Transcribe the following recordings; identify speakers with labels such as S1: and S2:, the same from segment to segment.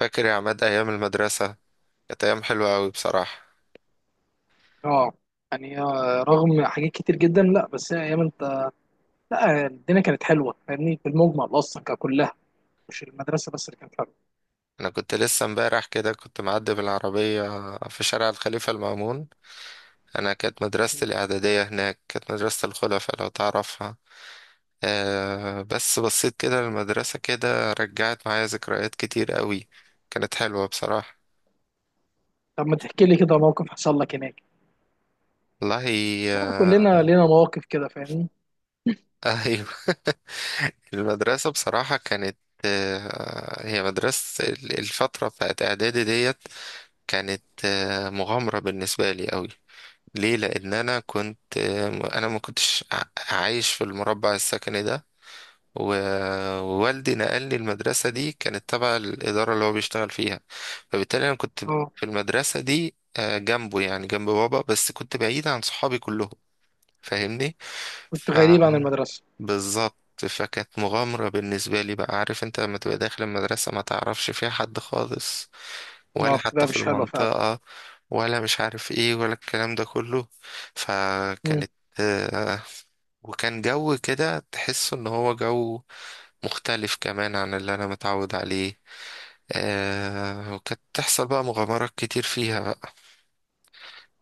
S1: فاكر يا عماد أيام المدرسة؟ كانت أيام حلوة أوي بصراحة.
S2: اه، يعني رغم حاجات كتير جدا. لا، بس هي ايام انت. لا، الدنيا كانت حلوه، فاهمني؟ في المجمل اصلا ككلها، مش المدرسه بس اللي كانت حلوه.
S1: أنا كنت لسه امبارح كده كنت معدي بالعربية في شارع الخليفة المأمون. أنا كانت مدرستي
S2: مم.
S1: الإعدادية هناك، كانت مدرسة الخلفاء لو تعرفها. أه، بس بصيت كده للمدرسة كده رجعت معايا ذكريات كتير أوي، كانت حلوة بصراحة.
S2: طب ما تحكي لي كده موقف حصل لك هناك.
S1: والله
S2: كلنا
S1: آه،
S2: لينا مواقف كده، فاهمني.
S1: أيوه. المدرسة بصراحة كانت هي مدرسة الفترة بتاعت إعدادي ديت، كانت مغامرة بالنسبة لي أوي. ليه؟ لان انا كنت، انا ما كنتش ع- عايش في المربع السكني ده. و- ووالدي نقلني المدرسة دي، كانت تبع الإدارة اللي هو بيشتغل فيها. فبالتالي أنا كنت
S2: اه،
S1: في المدرسة دي جنبه، يعني جنب بابا، بس كنت بعيد عن صحابي كلهم،
S2: كنت غريب عن
S1: فاهمني.
S2: المدرسه.
S1: بالظبط، فكانت مغامرة بالنسبة لي. بقى عارف انت لما تبقى داخل المدرسة ما تعرفش فيها حد خالص،
S2: اه،
S1: ولا حتى
S2: بتبقى
S1: في
S2: مش حلوه فعلا.
S1: المنطقة، ولا مش عارف ايه ولا الكلام ده كله.
S2: مم.
S1: فكانت آه، وكان جو كده تحس ان هو جو مختلف كمان عن اللي انا متعود عليه. وكانت تحصل بقى مغامرات كتير فيها بقى.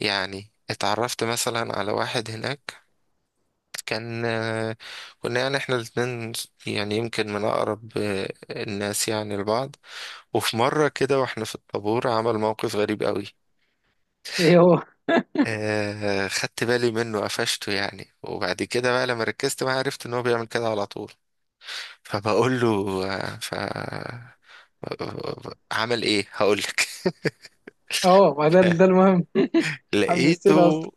S1: يعني اتعرفت مثلا على واحد هناك، كان كنا يعني احنا الاتنين يعني يمكن من أقرب الناس يعني لبعض. وفي مرة كده واحنا في الطابور عمل موقف غريب قوي.
S2: ايه هو؟
S1: آه، خدت بالي منه، قفشته يعني، وبعد كده بقى لما ركزت معاه عرفت ان هو بيعمل كده على طول. فبقول له آه، ف عمل ايه؟ هقولك.
S2: اه، ما ده ده المهم. حمستنا اصلا.
S1: لقيته،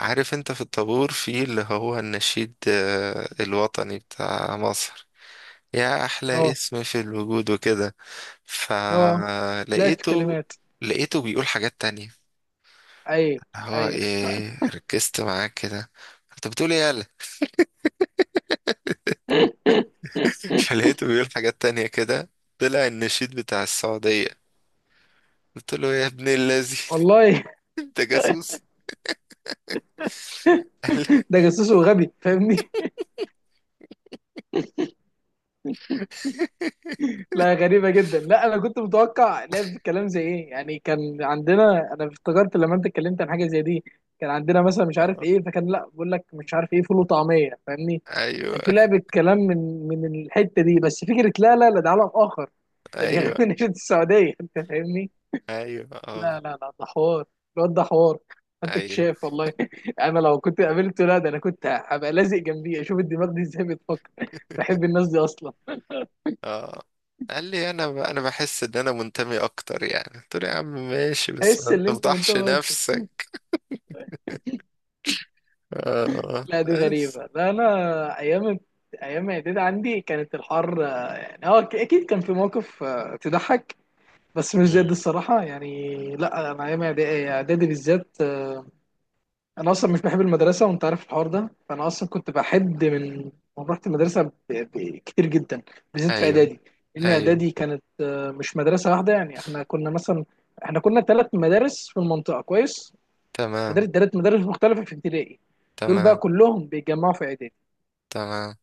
S1: عارف انت في الطابور في اللي هو النشيد الوطني بتاع مصر، يا احلى
S2: اه
S1: اسم في الوجود وكده،
S2: اه، لا في
S1: فلقيته،
S2: كلمات.
S1: لقيته بيقول حاجات تانية.
S2: ايوه
S1: هو
S2: ايوه.
S1: ايه؟ ركزت معاه كده، انت بتقول ايه يالا؟ فلقيته بيقول حاجات تانية كده، طلع النشيد بتاع السعودية. قلت له يا ابن الذي
S2: والله.
S1: انت جاسوس. قال لي
S2: ده جاسوس وغبي، فاهمني؟ لا غريبة جدا. لا، أنا كنت متوقع لا في الكلام زي إيه يعني. كان عندنا، أنا افتكرت لما أنت اتكلمت عن حاجة زي دي، كان عندنا مثلا مش عارف
S1: آه،
S2: إيه. فكان، لا، بقول لك مش عارف إيه، فول وطعمية، فاهمني؟
S1: ايوه
S2: كان في لعبة كلام من الحتة دي بس. فكرة لا لا لا، ده عالم آخر. ده بيغني
S1: ايوه
S2: نشيد السعودية، أنت فاهمني؟
S1: ايوه، اه
S2: لا لا لا، ده حوار. الواد ده حوار. أنت
S1: ايوه.
S2: اكتشاف والله. أنا لو كنت قابلته، لا ده أنا كنت هبقى لازق جنبيه أشوف الدماغ دي إزاي بتفكر. بحب الناس دي أصلا.
S1: اه، قال لي انا ب... انا بحس ان انا منتمي اكتر، يعني قلت له يا عم ماشي بس
S2: تحس
S1: ما
S2: ان انت
S1: تفضحش
S2: منتمي؟
S1: نفسك. اه
S2: لا دي
S1: بس.
S2: غريبة. لا أنا أيام، أيام إعدادي عندي كانت الحر، يعني هو أكيد كان في مواقف تضحك، بس مش زي
S1: مم،
S2: دي الصراحة يعني. لا أنا أيام إعدادي، إعدادي بالذات، أنا أصلا مش بحب المدرسة، وأنت عارف الحوار ده، فأنا أصلا كنت بحد من، من رحت المدرسة كتير جدا، بالذات في
S1: ايوه،
S2: إعدادي. لأن
S1: ايوه،
S2: إعدادي كانت مش مدرسة واحدة يعني. إحنا كنا مثلا، إحنا كنا ثلاث مدارس في المنطقة، كويس؟ مدارس،
S1: تمام،
S2: ثلاث مدارس مختلفة في ابتدائي، دول بقى
S1: تمام،
S2: كلهم بيتجمعوا في إعدادي.
S1: تمام،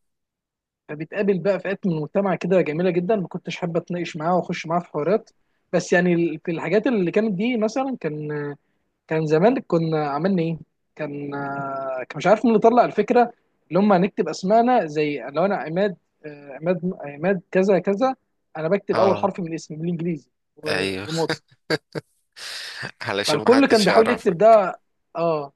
S2: فبتقابل بقى فئات من المجتمع كده جميله جدا، ما كنتش حابه اتناقش معاها واخش معاها في حوارات. بس يعني في الحاجات اللي كانت دي مثلا، كان، كان زمان كنا عملنا ايه؟ كان، كان مش عارف مين اللي طلع الفكره، اللي هم هنكتب اسمائنا. زي لو انا عماد، عماد، عماد كذا كذا، انا بكتب اول
S1: اه،
S2: حرف من الاسم بالانجليزي
S1: ايوه.
S2: ونقطه.
S1: علشان ما
S2: فالكل كان
S1: حدش
S2: بيحاول
S1: يعرفك.
S2: يكتب ده. اه،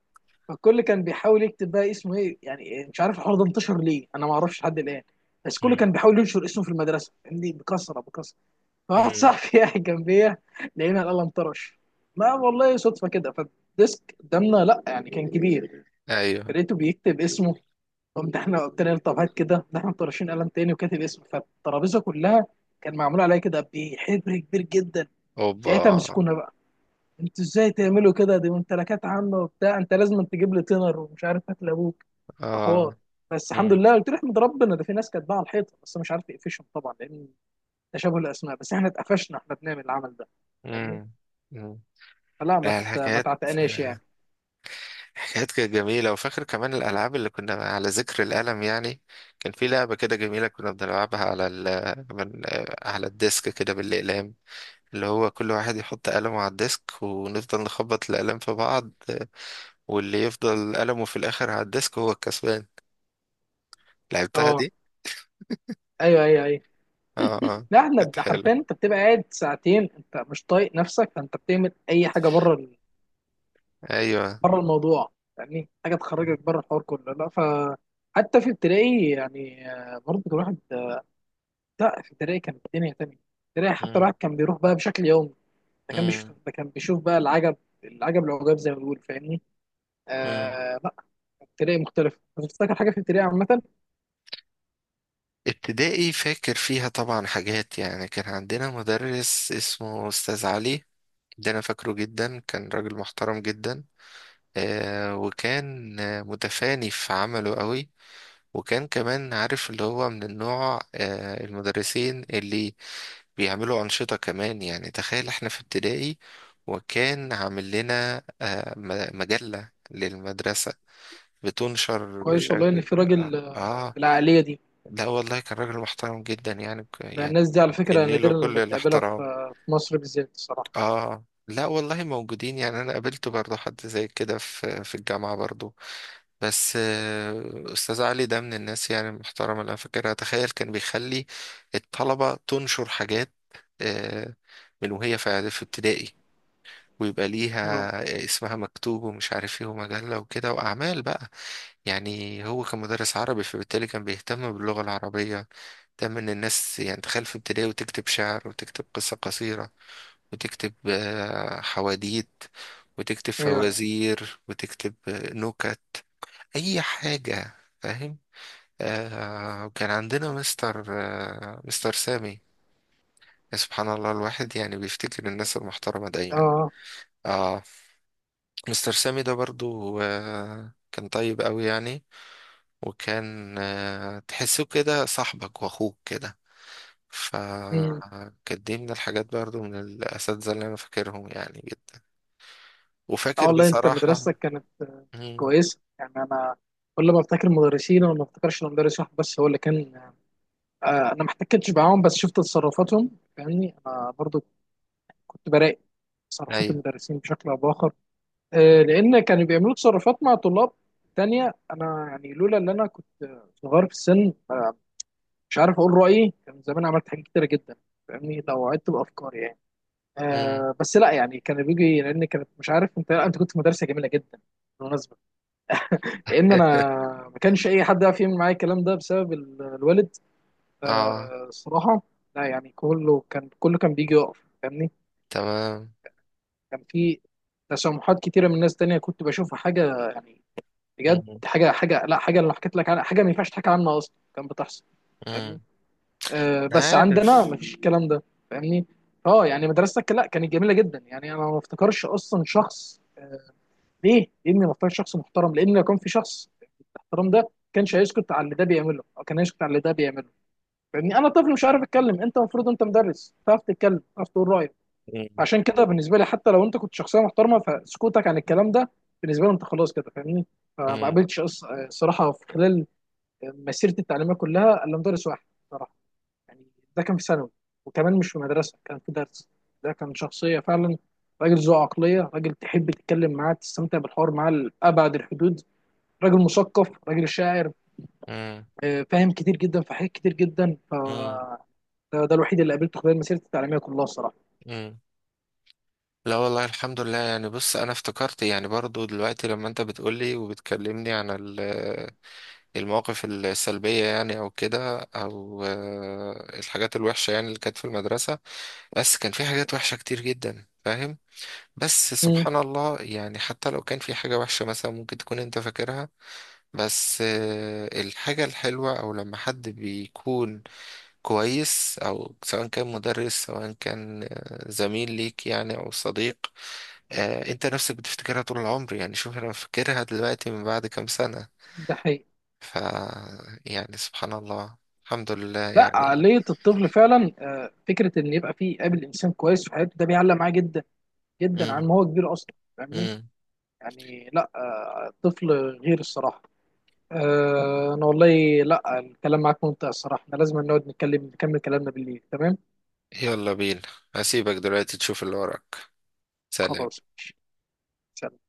S2: فالكل كان بيحاول يكتب بقى اسمه. ايه يعني مش عارف الحوار ده انتشر ليه، انا ما اعرفش لحد الان. بس كله
S1: مم.
S2: كان بيحاول ينشر اسمه في المدرسه، فاهمني، بكثره بكثره. فواحد
S1: مم.
S2: صاحبي قاعد جنبيا، لقينا القلم طرش. لا والله صدفه كده، فالديسك قدامنا، لا يعني كان كبير.
S1: ايوه.
S2: لقيته بيكتب اسمه. قمت احنا قلت له طب هات كده، ده احنا مطرشين قلم تاني، وكاتب اسمه فالترابيزه كلها. كان معمول عليها كده بحبر كبير جدا.
S1: اوبا.
S2: ساعتها مسكونا بقى. انتوا ازاي تعملوا كده، دي ممتلكات عامه وبتاع، انت لازم تجيب لي تينر ومش عارف، هات لابوك، حوار.
S1: اه.
S2: بس الحمد
S1: مم.
S2: لله. قلت له احمد ربنا، ده في ناس كانت باعه الحيطه بس مش عارف يقفشهم طبعا، لان تشابه الاسماء. بس احنا اتقفشنا احنا بنعمل العمل ده، فاهمني؟
S1: مم. مم.
S2: فلا،
S1: لا،
S2: ما
S1: الحكايات،
S2: تعتقناش يعني.
S1: الحكايات كانت جميلة. وفاكر كمان الألعاب اللي كنا، على ذكر القلم يعني، كان في لعبة كده جميلة كنا بنلعبها على ال، على الديسك كده بالأقلام، اللي هو كل واحد يحط قلمه على الديسك ونفضل نخبط الأقلام في بعض، واللي يفضل قلمه في الآخر على الديسك هو الكسبان. لعبتها
S2: اه.
S1: دي.
S2: ايوه ايوه ايوه.
S1: اه اه،
S2: لا احنا
S1: كانت حلوة.
S2: حرفيا انت بتبقى قاعد ساعتين، انت مش طايق نفسك، فانت بتعمل اي حاجه بره
S1: ايوه.
S2: بره الموضوع، فاهمني، حاجه تخرجك بره الحوار كله. لا، ف، حتى في ابتدائي يعني، برضه الواحد، لا، في الدراعي كان الدنيا تانية. الدراعي حتى
S1: مم.
S2: الواحد كان بيروح بقى بشكل يومي، ده كان
S1: مم.
S2: بيشوف، ده كان بيشوف بقى العجب، العجب العجاب زي ما بيقول، فاهمني؟
S1: مم.
S2: لا، التريقة مختلف. أنا بفتكر حاجة في التريقة عامة.
S1: ابتدائي فاكر فيها طبعا حاجات. يعني كان عندنا مدرس اسمه أستاذ علي، ده أنا فاكره جدا، كان راجل محترم جدا. آه، وكان متفاني في عمله قوي. وكان كمان عارف اللي هو من النوع آه المدرسين اللي بيعملوا أنشطة كمان، يعني تخيل احنا في ابتدائي وكان عامل لنا مجلة للمدرسة بتنشر
S2: كويس والله إن
S1: بشكل
S2: في راجل
S1: آه
S2: بالعقلية دي.
S1: لا والله كان راجل محترم جدا يعني،
S2: لأن
S1: يعني
S2: الناس دي على فكرة
S1: كني له
S2: نادرا
S1: كل
S2: لما بتقابلها في
S1: الاحترام.
S2: في مصر بالذات الصراحة.
S1: آه، لا والله موجودين، يعني أنا قابلت برضه حد زي كده في في الجامعة برضه، بس أستاذ علي ده من الناس يعني المحترمة اللي أنا فاكرها. تخيل كان بيخلي الطلبة تنشر حاجات آه، من وهي في في ابتدائي، ويبقى ليها
S2: أيوه
S1: اسمها مكتوب، ومش عارف ايه، ومجلة وكده وأعمال بقى. يعني هو كان مدرس عربي فبالتالي كان بيهتم باللغة العربية. تم ان الناس يعني تخيل في ابتدائي وتكتب شعر وتكتب قصة قصيرة وتكتب حواديت وتكتب
S2: أيوه أيوه.
S1: فوازير وتكتب نكت، اي حاجة فاهم. آه، وكان عندنا مستر مستر سامي. يا سبحان الله، الواحد يعني بيفتكر الناس المحترمة دايما.
S2: أه.
S1: اه، مستر سامي ده برضو آه كان طيب قوي يعني، وكان تحسه كده صاحبك واخوك كده.
S2: أمم.
S1: فكانت دي من الحاجات برضو، من الاساتذه اللي انا فاكرهم يعني جدا. وفاكر
S2: والله أنت
S1: بصراحه.
S2: مدرستك كانت
S1: مم.
S2: كويسة يعني. أنا كل ما أفتكر مدرسين أنا ما أفتكرش إن مدرس واحد بس هو اللي كان، انا ما احتكتش معاهم، بس شفت تصرفاتهم، فاهمني. انا برضو كنت براقب تصرفات
S1: ايوه.
S2: المدرسين بشكل او باخر. لان كانوا بيعملوا تصرفات مع طلاب تانية، انا يعني لولا ان انا كنت صغير في السن، مش عارف اقول رايي، كان زمان عملت حاجات كتيره جدا، فاهمني، لو عدت بافكاري يعني.
S1: مم.
S2: بس لا يعني كان بيجي، لان كانت مش عارف، انت انت كنت في مدرسه جميله جدا بالمناسبه. لان انا ما كانش اي حد يعرف يعمل معايا الكلام ده بسبب الوالد،
S1: اه.
S2: الصراحة. لا يعني كله كان، كله كان بيجي يقف، فاهمني.
S1: تمام.
S2: كان في تسامحات كتيرة من ناس تانية كنت بشوفها حاجة يعني، بجد
S1: مم.
S2: حاجة، حاجة، لا حاجة اللي حكيت لك عنها، حاجة ما ينفعش تحكي عنها أصلا كان بتحصل، فاهمني.
S1: مم.
S2: بس عندنا
S1: عارف.
S2: ما فيش الكلام ده، فاهمني. اه يعني مدرستك لا كانت جميلة جدا يعني. أنا ما افتكرش أصلا شخص ليه؟ لأني ما افتكرش شخص محترم. لأن لو كان في شخص الاحترام ده، كانش هيسكت على اللي ده بيعمله، أو كان هيسكت على اللي ده بيعمله، فاهمني. انا طفل مش عارف اتكلم، انت المفروض انت مدرس تعرف تتكلم، تعرف تقول رايك.
S1: مم.
S2: عشان كده بالنسبه لي حتى لو انت كنت شخصيه محترمه، فسكوتك عن الكلام ده بالنسبه لي انت خلاص كده، فاهمني. فما
S1: مم.
S2: قابلتش، صراحه، في خلال مسيرتي التعليميه كلها الا مدرس واحد صراحه يعني. ده كان في ثانوي، وكمان مش في مدرسه، كان في درس. ده كان شخصيه فعلا. راجل ذو عقليه، راجل تحب تتكلم معاه، تستمتع بالحوار معاه لابعد الحدود. راجل مثقف، راجل شاعر،
S1: مم.
S2: فاهم كتير جدا في حاجات كتير جدا. ف
S1: مم.
S2: ده الوحيد اللي قابلته خلال مسيرتي التعليميه كلها الصراحه.
S1: مم. لا والله الحمد لله يعني. بص انا افتكرت يعني برضو دلوقتي لما انت بتقولي وبتكلمني عن ال المواقف السلبية يعني، أو كده، أو الحاجات الوحشة يعني اللي كانت في المدرسة. بس كان في حاجات وحشة كتير جدا فاهم. بس
S2: امم،
S1: سبحان الله، يعني حتى لو كان في حاجة وحشة مثلا ممكن تكون أنت فاكرها، بس الحاجة الحلوة أو لما حد بيكون كويس، أو سواء كان مدرس سواء كان زميل ليك يعني أو صديق، أنت نفسك بتفتكرها طول العمر. يعني شوف أنا فاكرها دلوقتي من بعد كام سنة.
S2: ده حقيقي.
S1: ف يعني سبحان الله، الحمد لله
S2: لا
S1: يعني.
S2: عقليه الطفل فعلا، فكره ان يبقى فيه قابل انسان كويس في حياته، ده بيعلق معاه جدا جدا
S1: امم.
S2: عن ما هو كبير اصلا، فاهمني
S1: امم.
S2: يعني. لا الطفل غير الصراحه. انا والله، لا، الكلام معاك ممتع الصراحه. احنا لازم نقعد نتكلم، نكمل كلامنا بالليل، تمام؟
S1: يلا بينا، هسيبك دلوقتي تشوف اللي وراك. سلام.
S2: خلاص ماشي. سلام.